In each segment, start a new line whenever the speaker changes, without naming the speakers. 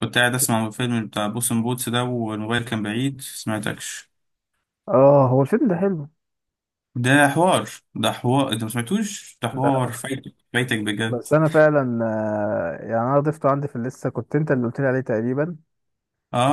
كنت قاعد اسمع الفيلم بتاع بوسن بوتس ده والموبايل كان بعيد سمعتكش.
اه، هو الفيلم ده حلو.
ده حوار، ده حوار، انت ما سمعتوش، ده حوار،
لا،
فايتك فايتك بجد.
بس انا فعلا، يعني انا ضفته عندي في اللسته. كنت انت اللي قلت لي عليه تقريبا.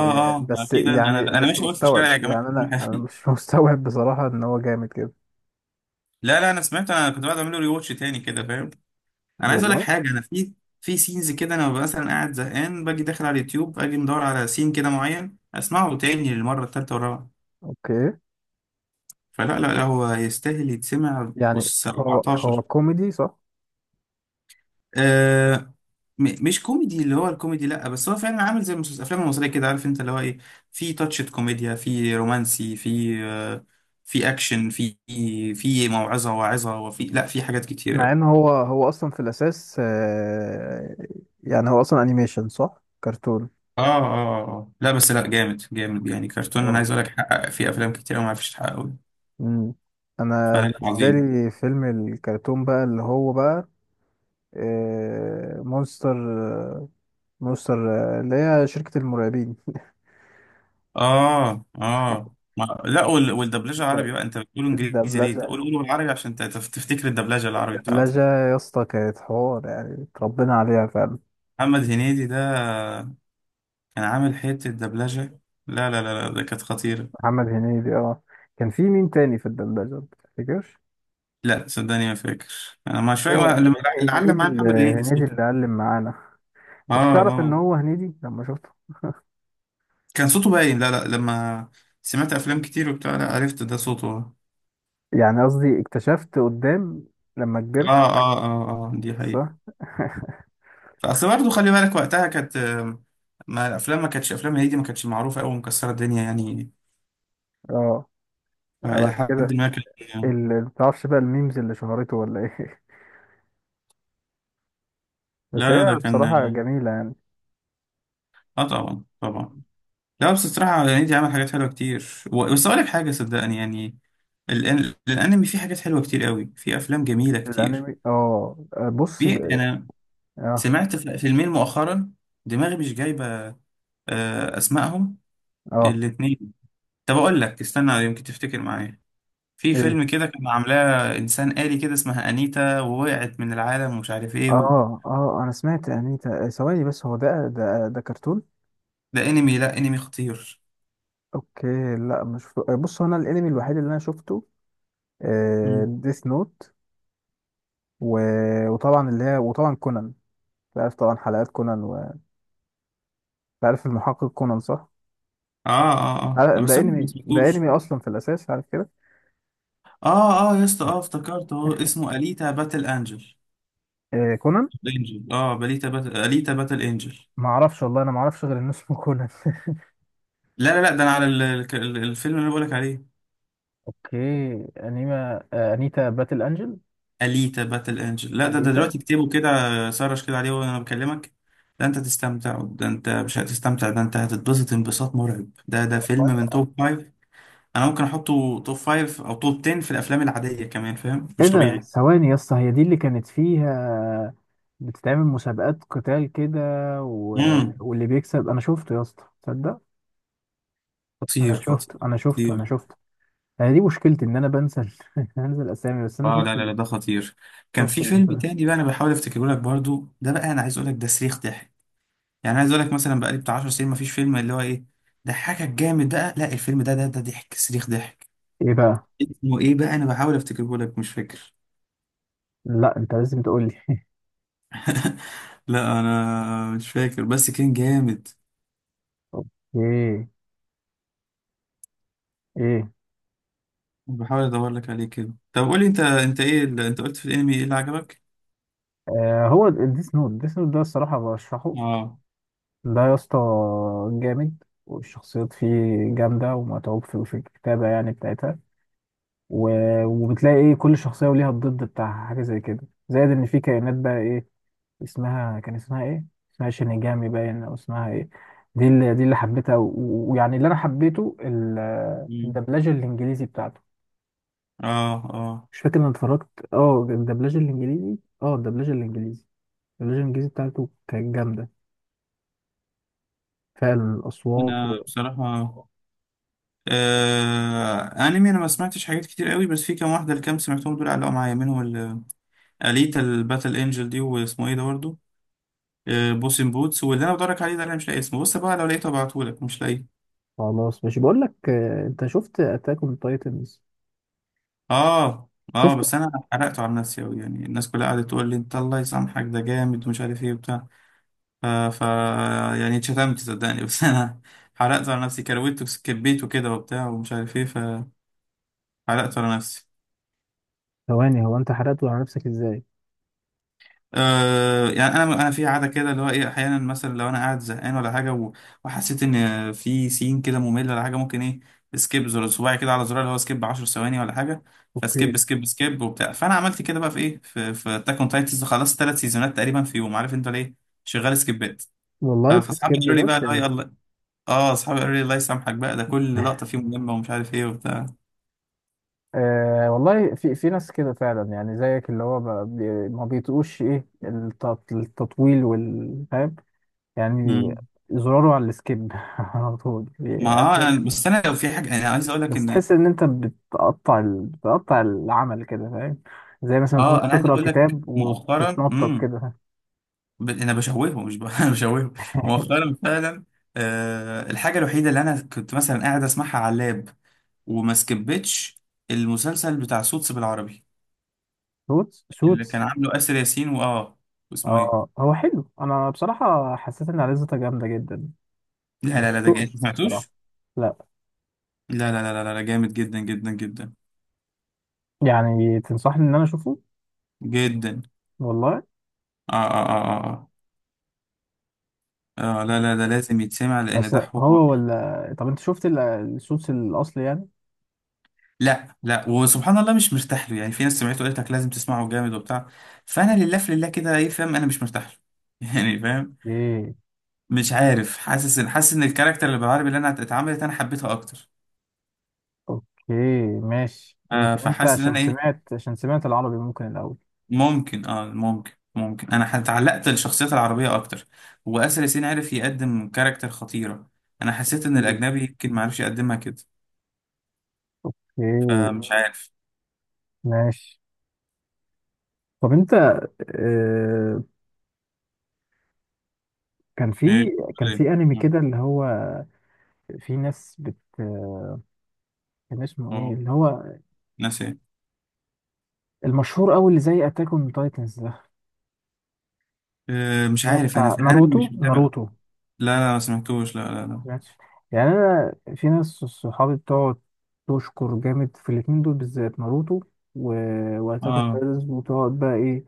آه،
اه
بس
اكيد انا
يعني
انا انا
مش
ماشي اقول في
مستوعب،
الشارع يا جماعه.
يعني انا مش مستوعب بصراحه ان هو جامد كده.
لا لا انا سمعت، انا كنت بعد اعمل له ريواتش تاني كده فاهم. انا عايز اقول لك
والله.
حاجه، انا في في سينز كده، انا ببقى مثلا قاعد زهقان باجي داخل على اليوتيوب، اجي مدور على سين كده معين اسمعه تاني للمره الثالثه والرابعه.
اوكي.
فلا لا لا، هو يستاهل يتسمع
يعني
اس
هو
S14.
كوميدي صح؟
آه مش كوميدي، اللي هو الكوميدي لا، بس هو فعلا عامل زي الافلام المصريه كده، عارف انت اللي هو ايه، في تاتشة كوميديا، في رومانسي، في في اكشن، في في موعظه واعظه، وفي لا في حاجات كتير
مع
قوي.
ان هو اصلا في الاساس، يعني هو اصلا انيميشن صح؟ كرتون.
اه اه آه. آه. لا بس لا، جامد جامد يعني كرتون، انا
واو.
عايز اقول لك حقق في افلام كتير أوي ما عرفتش تحققه.
مم. انا
فلا
بالنسبه
عظيم.
لي فيلم الكرتون بقى اللي هو بقى، مونستر. مستر. اللي هي شركة المرعبين.
اه اه ما لا، والدبلجه عربي
الد-
بقى، انت بتقول انجليزي ليه؟ قول
الدبلجة
قول بالعربي عشان تفتكر الدبلجه العربي بتاعته.
الدبلجة يا اسطى كانت حوار، يعني اتربينا عليها فعلا.
محمد هنيدي ده، انا عامل حته دبلجه. لا، ده كانت خطيره.
محمد هنيدي، اه. كان في مين تاني في الدبلجة متفتكرش؟
لا صدقني ما فاكر، انا مش
هو
فاكر اللي،
هن-
اللي علم
هنيدي
معايا
اللي
محمد هنيدي
هنيدي
صوته.
اللي علم معانا.
اه
كنت تعرف ان
اه،
هو هنيدي لما شفته؟
كان صوته باين، لا لا، لما سمعت افلام كتير وبتاع لا عرفت ده صوته اه.
يعني قصدي اكتشفت قدام لما
اه
كبرت.
اه اه، دي
صح.
حقيقه. اصل برضه خلي بالك وقتها كانت ما الافلام، ما كانتش افلام هنيدي ما كانتش معروفه قوي مكسره الدنيا يعني.
اه. بعد
الى حد
كده.
ما كان.
اللي متعرفش بقى الميمز اللي شهرته، ولا ايه؟ بس
لا
هي
لا ده كان
بصراحة
اه،
جميلة يعني.
طبعا طبعا. لا بس الصراحه هنيدي عمل حاجات حلوه كتير. بس اقول لك حاجه صدقني يعني، الانمي فيه حاجات حلوه كتير قوي، فيه افلام جميله كتير.
الانمي، اه. بص.
في انا
اه،
سمعت فيلمين مؤخرا، دماغي مش جايبه اسمائهم
اه،
الاثنين. طب اقول لك استنى يمكن تفتكر معايا، في
ايه،
فيلم كده كان عاملاه انسان آلي كده اسمها انيتا ووقعت من العالم ومش عارف ايه و...
اه، اه، انا سمعت انيتا ثواني، بس هو ده كرتون؟
ده انمي، لا انمي خطير.
اوكي. لا مش بص، هو انا الانمي الوحيد اللي انا شفته
مم.
ديث نوت. و... وطبعا اللي هي، وطبعا كونان. عارف طبعا حلقات كونان. عارف المحقق كونان صح؟
اه اه اه، ده بس
ده
انا ما
انمي ده
سمعتوش.
انمي اصلا في الاساس، عارف كده.
اه اه يا اسطى، اه افتكرت اهو، اسمه اليتا باتل انجل،
كونان.
انجل اه، باليتا باتل، اليتا باتل انجل.
ما اعرفش والله، انا ما اعرفش غير ان اسمه كونان.
لا لا لا، ده انا على الفيلم اللي انا بقولك عليه،
اوكي، انيما، انيتا باتل انجل.
اليتا باتل انجل. لا ده ده
انيتا.
دلوقتي اكتبه كده، سرش كده عليه وانا بكلمك. ده انت تستمتع، ده انت مش هتستمتع، ده انت هتتبسط انبساط مرعب، ده ده فيلم من توب فايف. انا ممكن احطه توب فايف او توب 10 في الافلام العادية كمان فاهم،
ايه
مش
ده؟
طبيعي.
ثواني يا اسطى، هي دي اللي كانت فيها بتتعمل مسابقات قتال كده؟ و...
امم
واللي بيكسب. انا شفته يا اسطى، تصدق؟
خطير
انا
خطير
شفته، انا شفته، انا
خطير.
شفته. انا دي مشكلتي ان انا بنسى بنسى الاسامي. بس انا
اه لا
شفت
لا
ال...
لا ده خطير. كان
شفت
في
ال...
فيلم تاني بقى انا بحاول افتكره لك برضو، ده بقى انا عايز اقول لك ده صريخ ضحك. يعني عايز اقول لك مثلا بقالي بتاع 10 سنين مفيش فيلم اللي هو ايه ضحكك جامد، ده لا الفيلم ده ده ده ضحك صريخ ضحك.
ايه بقى؟
اسمه ايه بقى، انا بحاول افتكره لك مش فاكر.
لا، انت لازم تقول لي.
لا انا مش فاكر، بس كان جامد.
اوكي. ايه؟
بحاول ادور لك عليه كده. طب قول لي انت، انت ايه اللي انت قلت في الانمي ايه اللي عجبك.
هو الديس نوت ده الصراحه برشحه.
اه.
ده يا اسطى جامد، والشخصيات فيه جامده، ومتعوب في الكتابه يعني بتاعتها. و... وبتلاقي ايه، كل شخصيه وليها الضد بتاعها، حاجه زي كده. زائد ان في كائنات بقى، اسمها ايه؟ اسمها شينيجامي باين، او اسمها ايه؟ دي اللي حبيتها. ويعني اللي انا حبيته
مم.
الدبلجه الانجليزي بتاعته.
اه اه.
مش فاكر، انا اتفرجت، اه الدبلجه الانجليزي الدبلجه الانجليزي بتاعته كانت جامده فعلا، الاصوات.
انا بصراحة انمي انا ما سمعتش حاجات كتير قوي، بس في كام واحدة الكام سمعتهم دول علقوا معايا منهم اليتا الباتل انجل دي، واسمه ايه ده برضه بوسن بوتس، واللي انا بدورك عليه ده اللي انا مش لاقي اسمه، بص بقى لو لقيته ابعتهولك، مش لاقيه.
وخلاص ماشي، بقول لك، انت شفت اتاك اون تايتنز؟
اه اه،
شفته.
بس انا حرقته على نفسي قوي يعني، الناس كلها قعدت تقول لي انت الله يسامحك ده جامد ومش عارف ايه وبتاع. ف... ف يعني اتشتمت صدقني، بس انا حرقته على نفسي، كرويته كبيته كده وبتاع ومش عارف ايه، فحرقته على نفسي.
ثواني، هو انت حرقته على نفسك ازاي؟
أه يعني انا في عاده كده اللي هو ايه، احيانا مثلا لو انا قاعد زهقان ولا حاجه وحسيت ان في سين كده ممل ولا حاجه، ممكن ايه، سكيب، زر صباعي كده على زرار اللي هو سكيب 10 ثواني ولا حاجه،
اوكي.
فسكيب سكيب سكيب وبتاع، فانا عملت كده بقى في ايه، في في اتاك اون تايتنز، خلصت ثلاث سيزونات تقريبا في يوم، عارف انت ليه؟ شغال سكيبات.
والله
فاصحابي
بتسكيب،
قالوا لي بقى
بس
اللي هو
يعني.
الله. اه، اصحابي قالوا لي الله يسامحك بقى، ده كل لقطه فيه مهمه ومش عارف ايه وبتاع.
أه والله، في ناس كده فعلا يعني زيك، اللي هو ما بيطقوش ايه، التطويل والفهم يعني.
مم.
زراره على السكيب على طول
ما
بيقدم.
بس انا لو في حاجه انا عايز اقول لك
بس
ان،
تحس ان انت بتقطع بتقطع العمل كده، فاهم؟ زي مثلا تكون
اه انا عايز
بتقرا
اقول لك
كتاب
مؤخرا.
وتتنطط
مم.
كده.
انا بشوهه مش ب... انا بشوهه مؤخرا فعلا. آه الحاجه الوحيده اللي انا كنت مثلا قاعد اسمعها على اللاب وما سكبتش، المسلسل بتاع سوتس بالعربي،
سوتس
اللي
سوتس
كان عامله اسر ياسين واه، واسمه ايه.
اه هو حلو، انا بصراحه حسيت ان عريضته جامده جدا.
لا
ما
لا لا ده جامد، انت
شفتوش
ما
بصراحه.
سمعتوش.
لا.
لا لا لا لا لا لا، جامد جدا جدا جدا
يعني تنصحني ان انا اشوفه؟
جدا.
والله.
اه اه اه اه اه، لا لا ده لازم يتسمع لان
بس
ده حوار.
هو ولا، طب انت شفت الصوص الاصلي يعني؟
لا لا وسبحان الله مش مرتاح له، يعني في ناس سمعته قالت لك لازم تسمعه جامد وبتاع، فانا لله في لله كده ايه فاهم، انا مش مرتاح له. يعني فاهم،
ايه.
مش عارف، حاسس ان، حاسس ان الكاركتر اللي بالعربي اللي انا اتعملت انا حبيتها اكتر.
اوكي، ماشي.
آه
يمكن انت
فحاسس ان انا ايه،
عشان سمعت العربي ممكن الاول.
ممكن اه ممكن ممكن انا اتعلقت بالشخصيات العربيه اكتر، واسر ياسين عرف يقدم كاركتر خطيره، انا حسيت ان
مم.
الاجنبي يمكن ما عرفش يقدمها كده،
اوكي،
فمش عارف.
ماشي. طب انت، آه، كان
ايه
في كان
بتقول
في انمي
إيه؟
كده اللي هو في ناس كان اسمه ايه،
اه،
اللي هو
ناس ايه؟
المشهور قوي اللي زي اتاك اون تايتنز ده،
مش
هو
عارف انا
بتاع
في الانمي
ناروتو
مش متابع. لا
ناروتو
لا ما سمعتوش، لا لا لا.
ماشي. يعني انا في ناس صحابي بتقعد تشكر جامد في الاتنين دول بالذات، ناروتو و... واتاك اون
اه
تايتنز، وتقعد بقى ايه،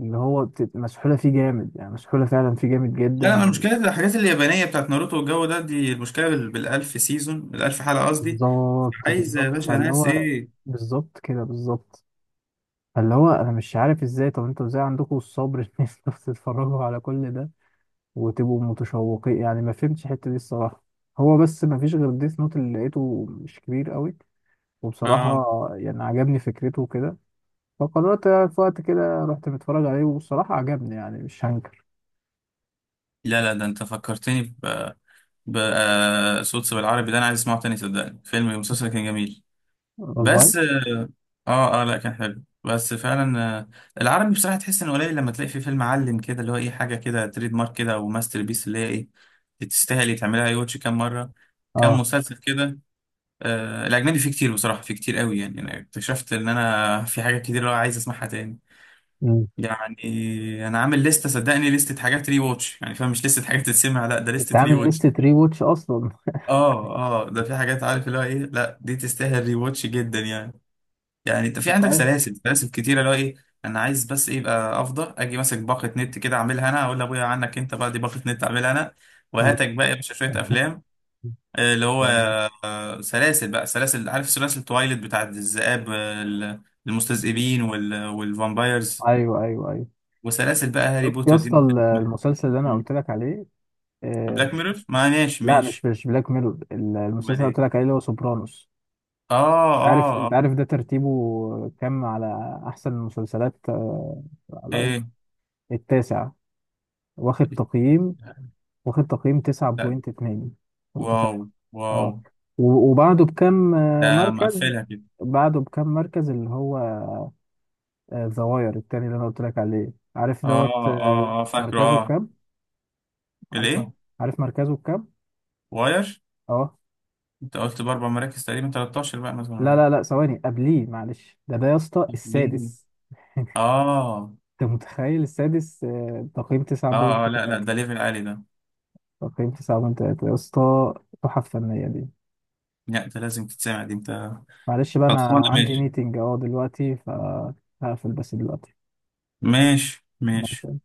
اللي هو مسحولة فيه جامد، يعني مسحولة فعلا فيه جامد
لا،
جدا.
انا المشكله في الحاجات اليابانيه بتاعت ناروتو والجو ده، دي المشكله بالالف سيزون، الالف حلقه قصدي.
بالظبط،
عايزة يا
بالظبط،
باشا،
فاللي
ناس
هو
ايه؟
بالظبط كده، بالظبط. فاللي هو انا مش عارف ازاي، طب انتوا ازاي عندكم الصبر ان انتوا تتفرجوا على كل ده وتبقوا متشوقين؟ يعني ما فهمتش الحتة دي الصراحة. هو بس ما فيش غير ديث نوت اللي لقيته، مش كبير قوي، وبصراحة
اه
يعني عجبني فكرته وكده، فقررت في وقت كده رحت متفرج عليه، وبصراحة عجبني يعني مش هنكر.
لا لا، ده انت فكرتني ب ب آه، صوت بالعربي ده انا عايز اسمعه تاني صدقني، فيلم المسلسل كان جميل.
والله.
بس اه اه لا كان حلو بس فعلا، العربي بصراحة تحس انه قليل، لما تلاقي فيه فيلم علم كده اللي هو ايه، حاجة كده تريد مارك كده او ماستر بيس اللي هي ايه، تستاهل تعملها اي واتش كام مرة، كام
اه.
مسلسل كده. آه الاجنبي فيه كتير بصراحة، فيه كتير قوي يعني، انا اكتشفت ان انا في حاجات كتير اللي هو عايز اسمعها تاني،
مم.
يعني انا عامل لستة صدقني، لستة حاجات ري واتش، يعني فاهم مش لستة حاجات تتسمع، لا ده
انت
لستة ري
عامل
واتش.
لستة ري واتش اصلا؟
اه اه ده في حاجات عارف اللي هو ايه، لا دي تستاهل ري واتش جدا يعني. يعني انت في
انت
عندك
عارف.
سلاسل، سلاسل كتيرة اللي هو ايه، انا عايز بس ايه يبقى، افضل اجي ماسك باقة نت كده اعملها انا، اقول لابويا عنك انت بقى دي باقة نت اعملها انا،
مم.
وهاتك بقى يا باشا شوية افلام اللي هو، سلاسل بقى، سلاسل عارف، سلاسل تويلت بتاعت الذئاب، المستذئبين والفامبايرز،
ايوه، ايوه، ايوه.
وسلاسل بقى هاري
شفت يا
بوتر
اسطى
دي.
المسلسل اللي انا
ممكن.
قلت لك عليه. آه.
بلاك ميرور، ما ماشي
لا، مش
ماشي.
مش بلاك ميرور، المسلسل
امال
اللي
ايه؟
قلت لك عليه اللي هو سوبرانوس.
اه اه
انت
اه.
عارف ده ترتيبه كام على احسن المسلسلات؟ على
ايه؟
IMDb؟ التاسع. واخد تقييم واخد تقييم
لا.
9.2. أنت
واو.
متخيل؟
واو.
اه. وبعده بكام،
ده
مركز.
مقفلها كده.
بعده بكام مركز، اللي هو الزواير التاني اللي انا قلت لك عليه. عارف
اه
دوت،
اه اه فاكره
مركزه
اه.
بكام؟ عارف م-
الايه؟
عارف مركزه بكام؟
واير.
اه.
انت قلت باربع مراكز تقريبا، 13 بقى مثلا ولا
لا،
حاجه.
لا، لا، ثواني قبليه، معلش، ده يا اسطى
طب ليه؟
السادس.
اه
انت متخيل؟ السادس، تقييم
اه اه لا لا
9.3.
ده ليفل عالي ده.
تقييم 9.3، يا اسطى. تحف فنية دي.
لا ده لازم تتسمع دي انت.
معلش بقى، انا
خلصانه،
عندي
ماشي
ميتنج اهو دلوقتي، فهقفل بس دلوقتي.
ماشي ماشي.
ماشي.